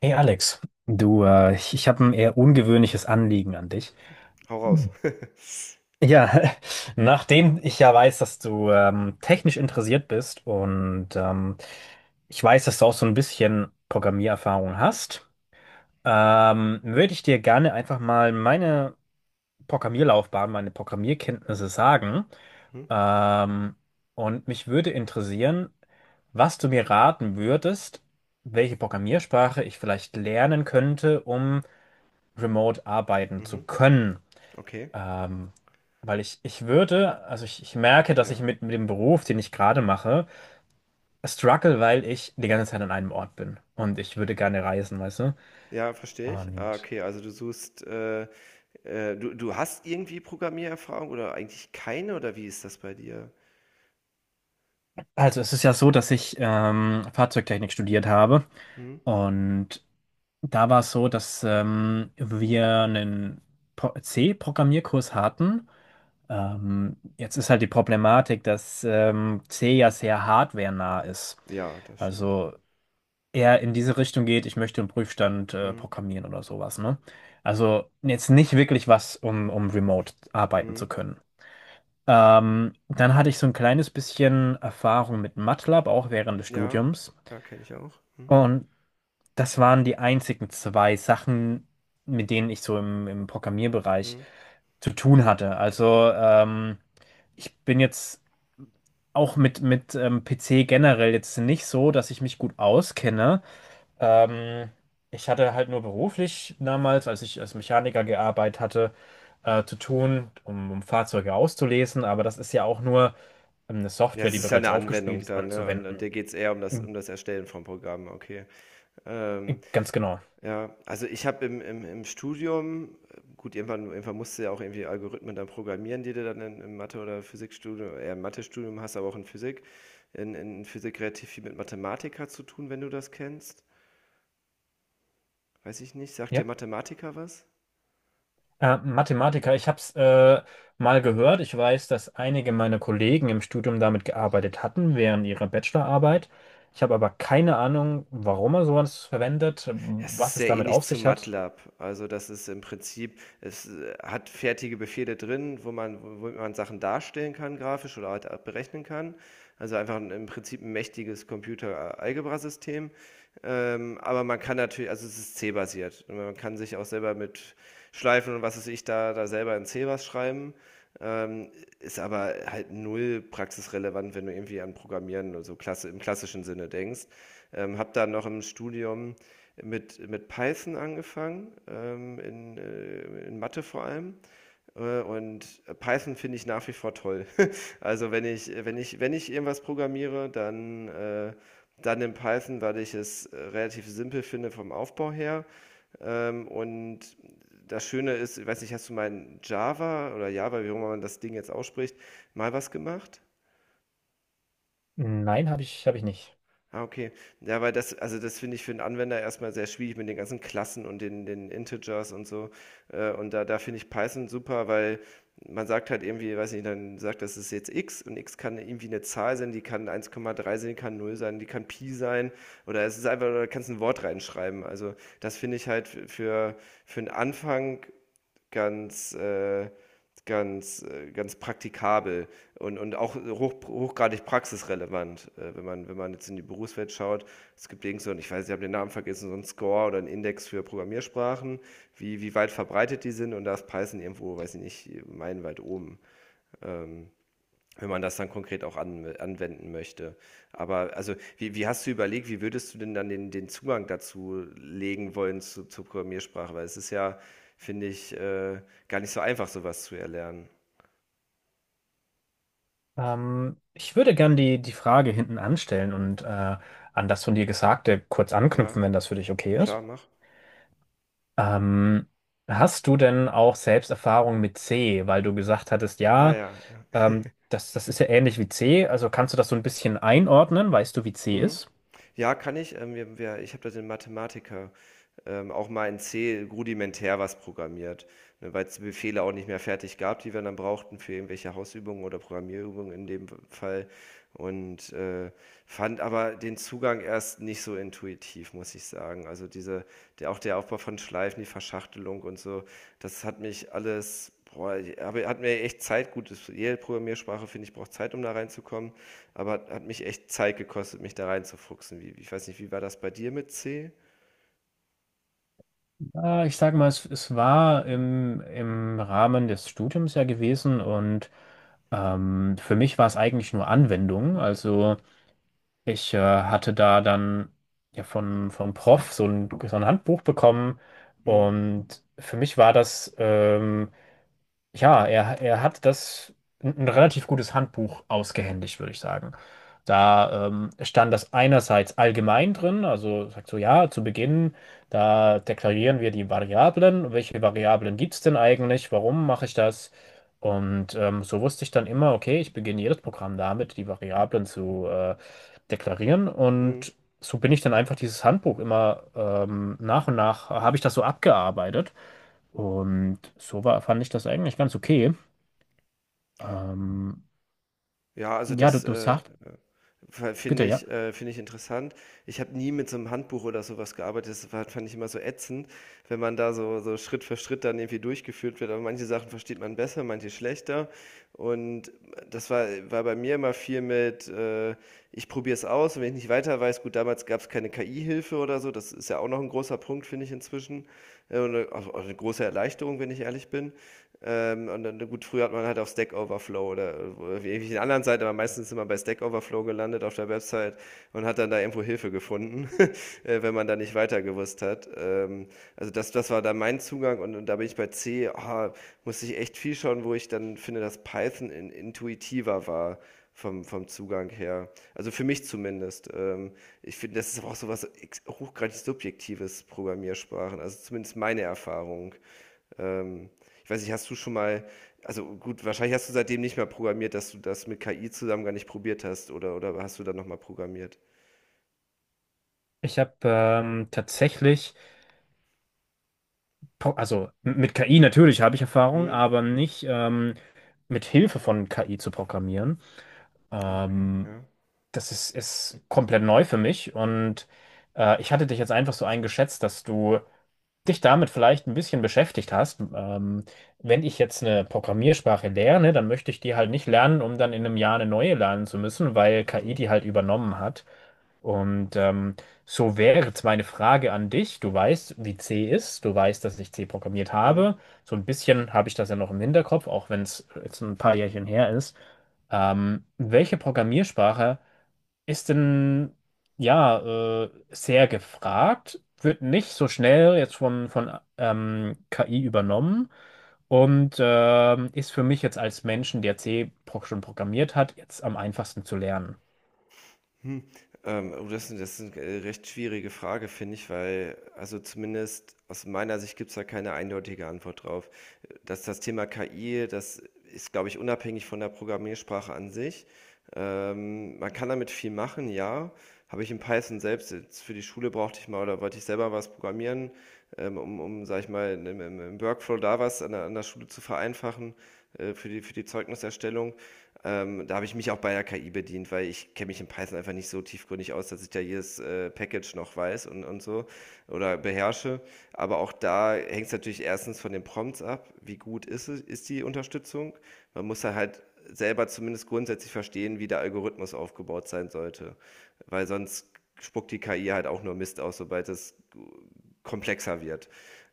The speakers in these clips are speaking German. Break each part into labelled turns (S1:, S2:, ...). S1: Hey Alex, du, ich habe ein eher ungewöhnliches Anliegen an dich.
S2: Hau raus.
S1: Mhm. Ja, nachdem ich ja weiß, dass du technisch interessiert bist und ich weiß, dass du auch so ein bisschen Programmiererfahrung hast, würde ich dir gerne einfach mal meine Programmierlaufbahn, meine Programmierkenntnisse sagen.
S2: Mhm,
S1: Ähm, und mich würde interessieren, was du mir raten würdest, welche Programmiersprache ich vielleicht lernen könnte, um remote arbeiten zu
S2: mhm,
S1: können.
S2: okay,
S1: Ähm, weil ich würde, also ich merke, dass ich
S2: ja.
S1: mit dem Beruf, den ich gerade mache, struggle, weil ich die ganze Zeit an einem Ort bin. Und ich würde gerne reisen, weißt du?
S2: Ja, verstehe ich. Ah,
S1: Und
S2: okay, also du suchst, du hast irgendwie Programmiererfahrung oder eigentlich keine oder wie ist das bei dir?
S1: also es ist ja so, dass ich Fahrzeugtechnik studiert habe.
S2: Mhm.
S1: Und da war es so, dass wir einen C-Programmierkurs hatten. Jetzt ist halt die Problematik, dass C ja sehr hardwarenah ist.
S2: Ja, das stimmt.
S1: Also eher in diese Richtung geht, ich möchte einen Prüfstand
S2: Mhm.
S1: programmieren oder sowas, ne? Also jetzt nicht wirklich was, um remote arbeiten zu
S2: Mhm.
S1: können. Dann hatte ich so ein kleines bisschen Erfahrung mit MATLAB, auch während des
S2: Ja,
S1: Studiums.
S2: ja, kenne ich auch. Mhm.
S1: Und das waren die einzigen zwei Sachen, mit denen ich so im Programmierbereich
S2: Mhm.
S1: zu tun hatte. Also ich bin jetzt auch mit PC generell jetzt nicht so, dass ich mich gut auskenne. Ähm, Ich hatte halt nur beruflich damals, als ich als Mechaniker gearbeitet hatte, zu tun, um Fahrzeuge auszulesen, aber das ist ja auch nur eine
S2: Ja,
S1: Software,
S2: es
S1: die
S2: ist ja
S1: bereits
S2: eine
S1: aufgespielt
S2: Anwendung
S1: ist,
S2: dann, ne? Und
S1: anzuwenden.
S2: dir geht es eher
S1: Mhm.
S2: um das Erstellen von Programmen, okay. Ähm,
S1: Ganz genau.
S2: ja, also ich habe im Studium, gut, irgendwann musst du ja auch irgendwie Algorithmen dann programmieren, die du dann in, im Mathe- oder Physikstudium, eher im Mathe-Studium hast, aber auch in Physik. In Physik relativ viel mit Mathematiker zu tun, wenn du das kennst. Weiß ich nicht. Sagt dir
S1: Ja.
S2: Mathematiker was?
S1: Mathematiker, ich habe es mal gehört. Ich weiß, dass einige meiner Kollegen im Studium damit gearbeitet hatten, während ihrer Bachelorarbeit. Ich habe aber keine Ahnung, warum er sowas verwendet,
S2: Es ist
S1: was es
S2: sehr
S1: damit
S2: ähnlich
S1: auf
S2: zu
S1: sich hat.
S2: MATLAB. Also das ist im Prinzip, es hat fertige Befehle drin, wo man Sachen darstellen kann, grafisch oder halt auch berechnen kann. Also einfach ein, im Prinzip ein mächtiges Computer-Algebra-System. Aber man kann natürlich, also es ist C-basiert. Und man kann sich auch selber mit Schleifen und was weiß ich da, da selber in C was schreiben. Ähm, ist aber halt null praxisrelevant, wenn du irgendwie an Programmieren oder so klasse, im klassischen Sinne denkst. Hab dann noch im Studium mit, Python angefangen, in Mathe vor allem. Und Python finde ich nach wie vor toll. Also wenn ich irgendwas programmiere, dann, dann in Python, weil ich es relativ simpel finde vom Aufbau her. Und das Schöne ist, ich weiß nicht, hast du mal in Java oder Java, wie auch immer man das Ding jetzt ausspricht, mal was gemacht?
S1: Nein, habe ich nicht.
S2: Ah, okay. Ja, weil das also, das finde ich für einen Anwender erstmal sehr schwierig mit den ganzen Klassen und den Integers und so. Und da finde ich Python super, weil man sagt halt irgendwie weiß nicht, dann sagt das ist jetzt X und X kann irgendwie eine Zahl sein, die kann 1,3 sein, die kann null sein, die kann Pi sein oder es ist einfach oder du kannst ein Wort reinschreiben. Also, das finde ich halt f für einen Anfang ganz, äh, ganz praktikabel und auch hochgradig praxisrelevant, wenn man jetzt in die Berufswelt schaut. Es gibt irgend so, ich weiß, ich habe den Namen vergessen, so einen Score oder einen Index für Programmiersprachen, wie weit verbreitet die sind, und da ist Python irgendwo, weiß ich nicht, meilenweit oben. Ähm, wenn man das dann konkret auch anwenden möchte. Aber also, wie hast du überlegt, wie würdest du denn dann den Zugang dazu legen wollen zu, zur Programmiersprache? Weil es ist ja, finde ich, gar nicht so einfach, sowas zu erlernen.
S1: Ich würde gern die Frage hinten anstellen und an das von dir Gesagte kurz
S2: Ja,
S1: anknüpfen, wenn das für dich okay ist.
S2: klar, mach.
S1: Ähm, hast du denn auch selbst Erfahrung mit C, weil du gesagt hattest,
S2: Ah
S1: ja,
S2: ja, ja.
S1: ähm, das ist ja ähnlich wie C, also kannst du das so ein bisschen einordnen? Weißt du, wie C
S2: Hm?
S1: ist?
S2: Ja, kann ich. Ich habe da den Mathematiker auch mal in C rudimentär was programmiert, ne, weil es die Befehle auch nicht mehr fertig gab, die wir dann brauchten für irgendwelche Hausübungen oder Programmierübungen in dem Fall. Und fand aber den Zugang erst nicht so intuitiv, muss ich sagen. Also diese, der, auch der Aufbau von Schleifen, die Verschachtelung und so, das hat mich alles, boah, aber hat mir echt Zeit, gut, jede Programmiersprache, finde ich, braucht Zeit, um da reinzukommen. Aber hat mich echt Zeit gekostet, mich da reinzufuchsen. Wie, ich weiß nicht, wie war das bei dir mit C?
S1: Ich sage mal, es war im Rahmen des Studiums ja gewesen und für mich war es eigentlich nur Anwendung, also. Ich hatte da dann ja von vom Prof so ein Handbuch bekommen
S2: Hm?
S1: und für mich war das ja, er hat das ein relativ gutes Handbuch ausgehändigt, würde ich sagen. Da stand das einerseits allgemein drin, also sagt so, ja, zu Beginn, da deklarieren wir die Variablen, welche Variablen gibt es denn eigentlich, warum mache ich das? Und so wusste ich dann immer, okay, ich beginne jedes Programm damit, die Variablen zu deklarieren.
S2: Hm.
S1: Und so bin ich dann einfach dieses Handbuch immer nach und nach, habe ich das so abgearbeitet. Und so war, fand ich das eigentlich ganz okay. Ähm,
S2: Ja, also
S1: ja, du sagst, bitte,
S2: finde
S1: ja.
S2: ich, finde ich interessant. Ich habe nie mit so einem Handbuch oder sowas gearbeitet. Das war, fand ich immer so ätzend, wenn man da so, so Schritt für Schritt dann irgendwie durchgeführt wird. Aber manche Sachen versteht man besser, manche schlechter. Und das war bei mir immer viel mit, ich probiere es aus und wenn ich nicht weiter weiß, gut, damals gab es keine KI-Hilfe oder so. Das ist ja auch noch ein großer Punkt, finde ich inzwischen. Und auch eine große Erleichterung, wenn ich ehrlich bin. Und dann, gut, früher hat man halt auf Stack Overflow oder irgendwelchen anderen Seiten, aber meistens immer bei Stack Overflow gelandet auf der Website und hat dann da irgendwo Hilfe gefunden, wenn man da nicht weiter gewusst hat. Also das, das war dann mein Zugang und da bin ich bei C, ah, musste ich echt viel schauen, wo ich dann finde, dass Python intuitiver war vom Zugang her. Also für mich zumindest. Ich finde, das ist aber auch so was hochgradig subjektives Programmiersprachen, also zumindest meine Erfahrung. Ähm, ich weiß nicht, hast du schon mal, also gut, wahrscheinlich hast du seitdem nicht mehr programmiert, dass du das mit KI zusammen gar nicht probiert hast, oder hast du dann nochmal programmiert?
S1: Ich habe tatsächlich, mit KI natürlich habe ich Erfahrung,
S2: Hm?
S1: aber nicht mit Hilfe von KI zu programmieren.
S2: Ah, okay,
S1: Ähm,
S2: ja.
S1: Das ist komplett neu für mich und ich hatte dich jetzt einfach so eingeschätzt, dass du dich damit vielleicht ein bisschen beschäftigt hast, wenn ich jetzt eine Programmiersprache lerne, dann möchte ich die halt nicht lernen, um dann in einem Jahr eine neue lernen zu müssen, weil KI
S2: Hm,
S1: die halt übernommen hat. Und so wäre jetzt meine Frage an dich. Du weißt, wie C ist, du weißt, dass ich C programmiert
S2: hm.
S1: habe. So ein bisschen habe ich das ja noch im Hinterkopf, auch wenn es jetzt ein paar Jährchen her ist. Welche Programmiersprache ist denn ja sehr gefragt, wird nicht so schnell jetzt von KI übernommen und ist für mich jetzt als Menschen, der C schon programmiert hat, jetzt am einfachsten zu lernen.
S2: Hm, oh, das ist 'ne, recht schwierige Frage, finde ich, weil also, zumindest aus meiner Sicht gibt's da keine eindeutige Antwort drauf. Dass das Thema KI, das ist, glaube ich, unabhängig von der Programmiersprache an sich. Man kann damit viel machen, ja. Habe ich in Python selbst jetzt für die Schule brauchte ich mal oder wollte ich selber was programmieren, um, sag ich mal, im Workflow da was an an der Schule zu vereinfachen für für die Zeugniserstellung. Da habe ich mich auch bei der KI bedient, weil ich kenne mich in Python einfach nicht so tiefgründig aus, dass ich da jedes Package noch weiß und so oder beherrsche. Aber auch da hängt es natürlich erstens von den Prompts ab, wie gut es, ist die Unterstützung. Man muss da halt selber zumindest grundsätzlich verstehen, wie der Algorithmus aufgebaut sein sollte, weil sonst spuckt die KI halt auch nur Mist aus, sobald es komplexer wird.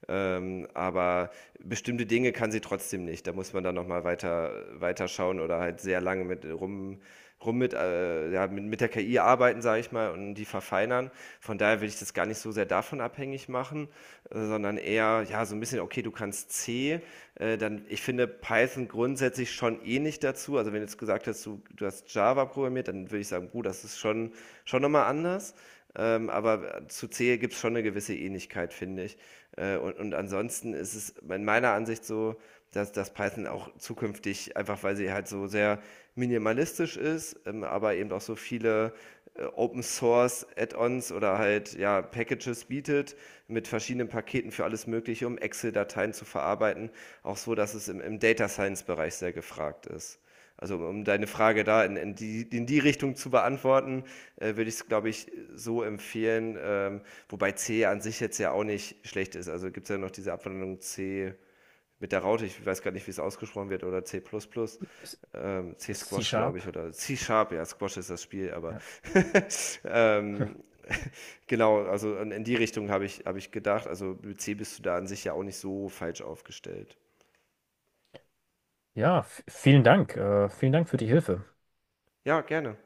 S2: Aber bestimmte Dinge kann sie trotzdem nicht. Da muss man dann nochmal weiter schauen oder halt sehr lange rum mit, ja, mit, der KI arbeiten, sage ich mal, und die verfeinern. Von daher will ich das gar nicht so sehr davon abhängig machen, sondern eher, ja, so ein bisschen, okay, du kannst C, dann, ich finde Python grundsätzlich schon ähnlich dazu. Also wenn du jetzt gesagt hast, du hast Java programmiert, dann würde ich sagen, gut, schon nochmal anders. Aber zu Zehe gibt es schon eine gewisse Ähnlichkeit, finde ich. Und ansonsten ist es in meiner Ansicht so, dass Python auch zukünftig, einfach weil sie halt so sehr minimalistisch ist, aber eben auch so viele Open Source Add-ons oder halt ja, Packages bietet mit verschiedenen Paketen für alles Mögliche, um Excel-Dateien zu verarbeiten, auch so, dass es im Data Science-Bereich sehr gefragt ist. Also um deine Frage da in die Richtung zu beantworten, würde ich es, glaube ich, so empfehlen. Wobei C an sich jetzt ja auch nicht schlecht ist. Also gibt es ja noch diese Abwandlung C mit der Raute, ich weiß gar nicht, wie es ausgesprochen wird, oder C++, plus plus. Ähm, C-Squash, glaube
S1: C-Sharp.
S2: ich, oder C-Sharp, ja, Squash ist das Spiel, aber
S1: Ja,
S2: ähm, genau, also in die Richtung habe hab ich gedacht. Also mit C bist du da an sich ja auch nicht so falsch aufgestellt.
S1: ja vielen Dank. Vielen Dank für die Hilfe.
S2: Ja, gerne.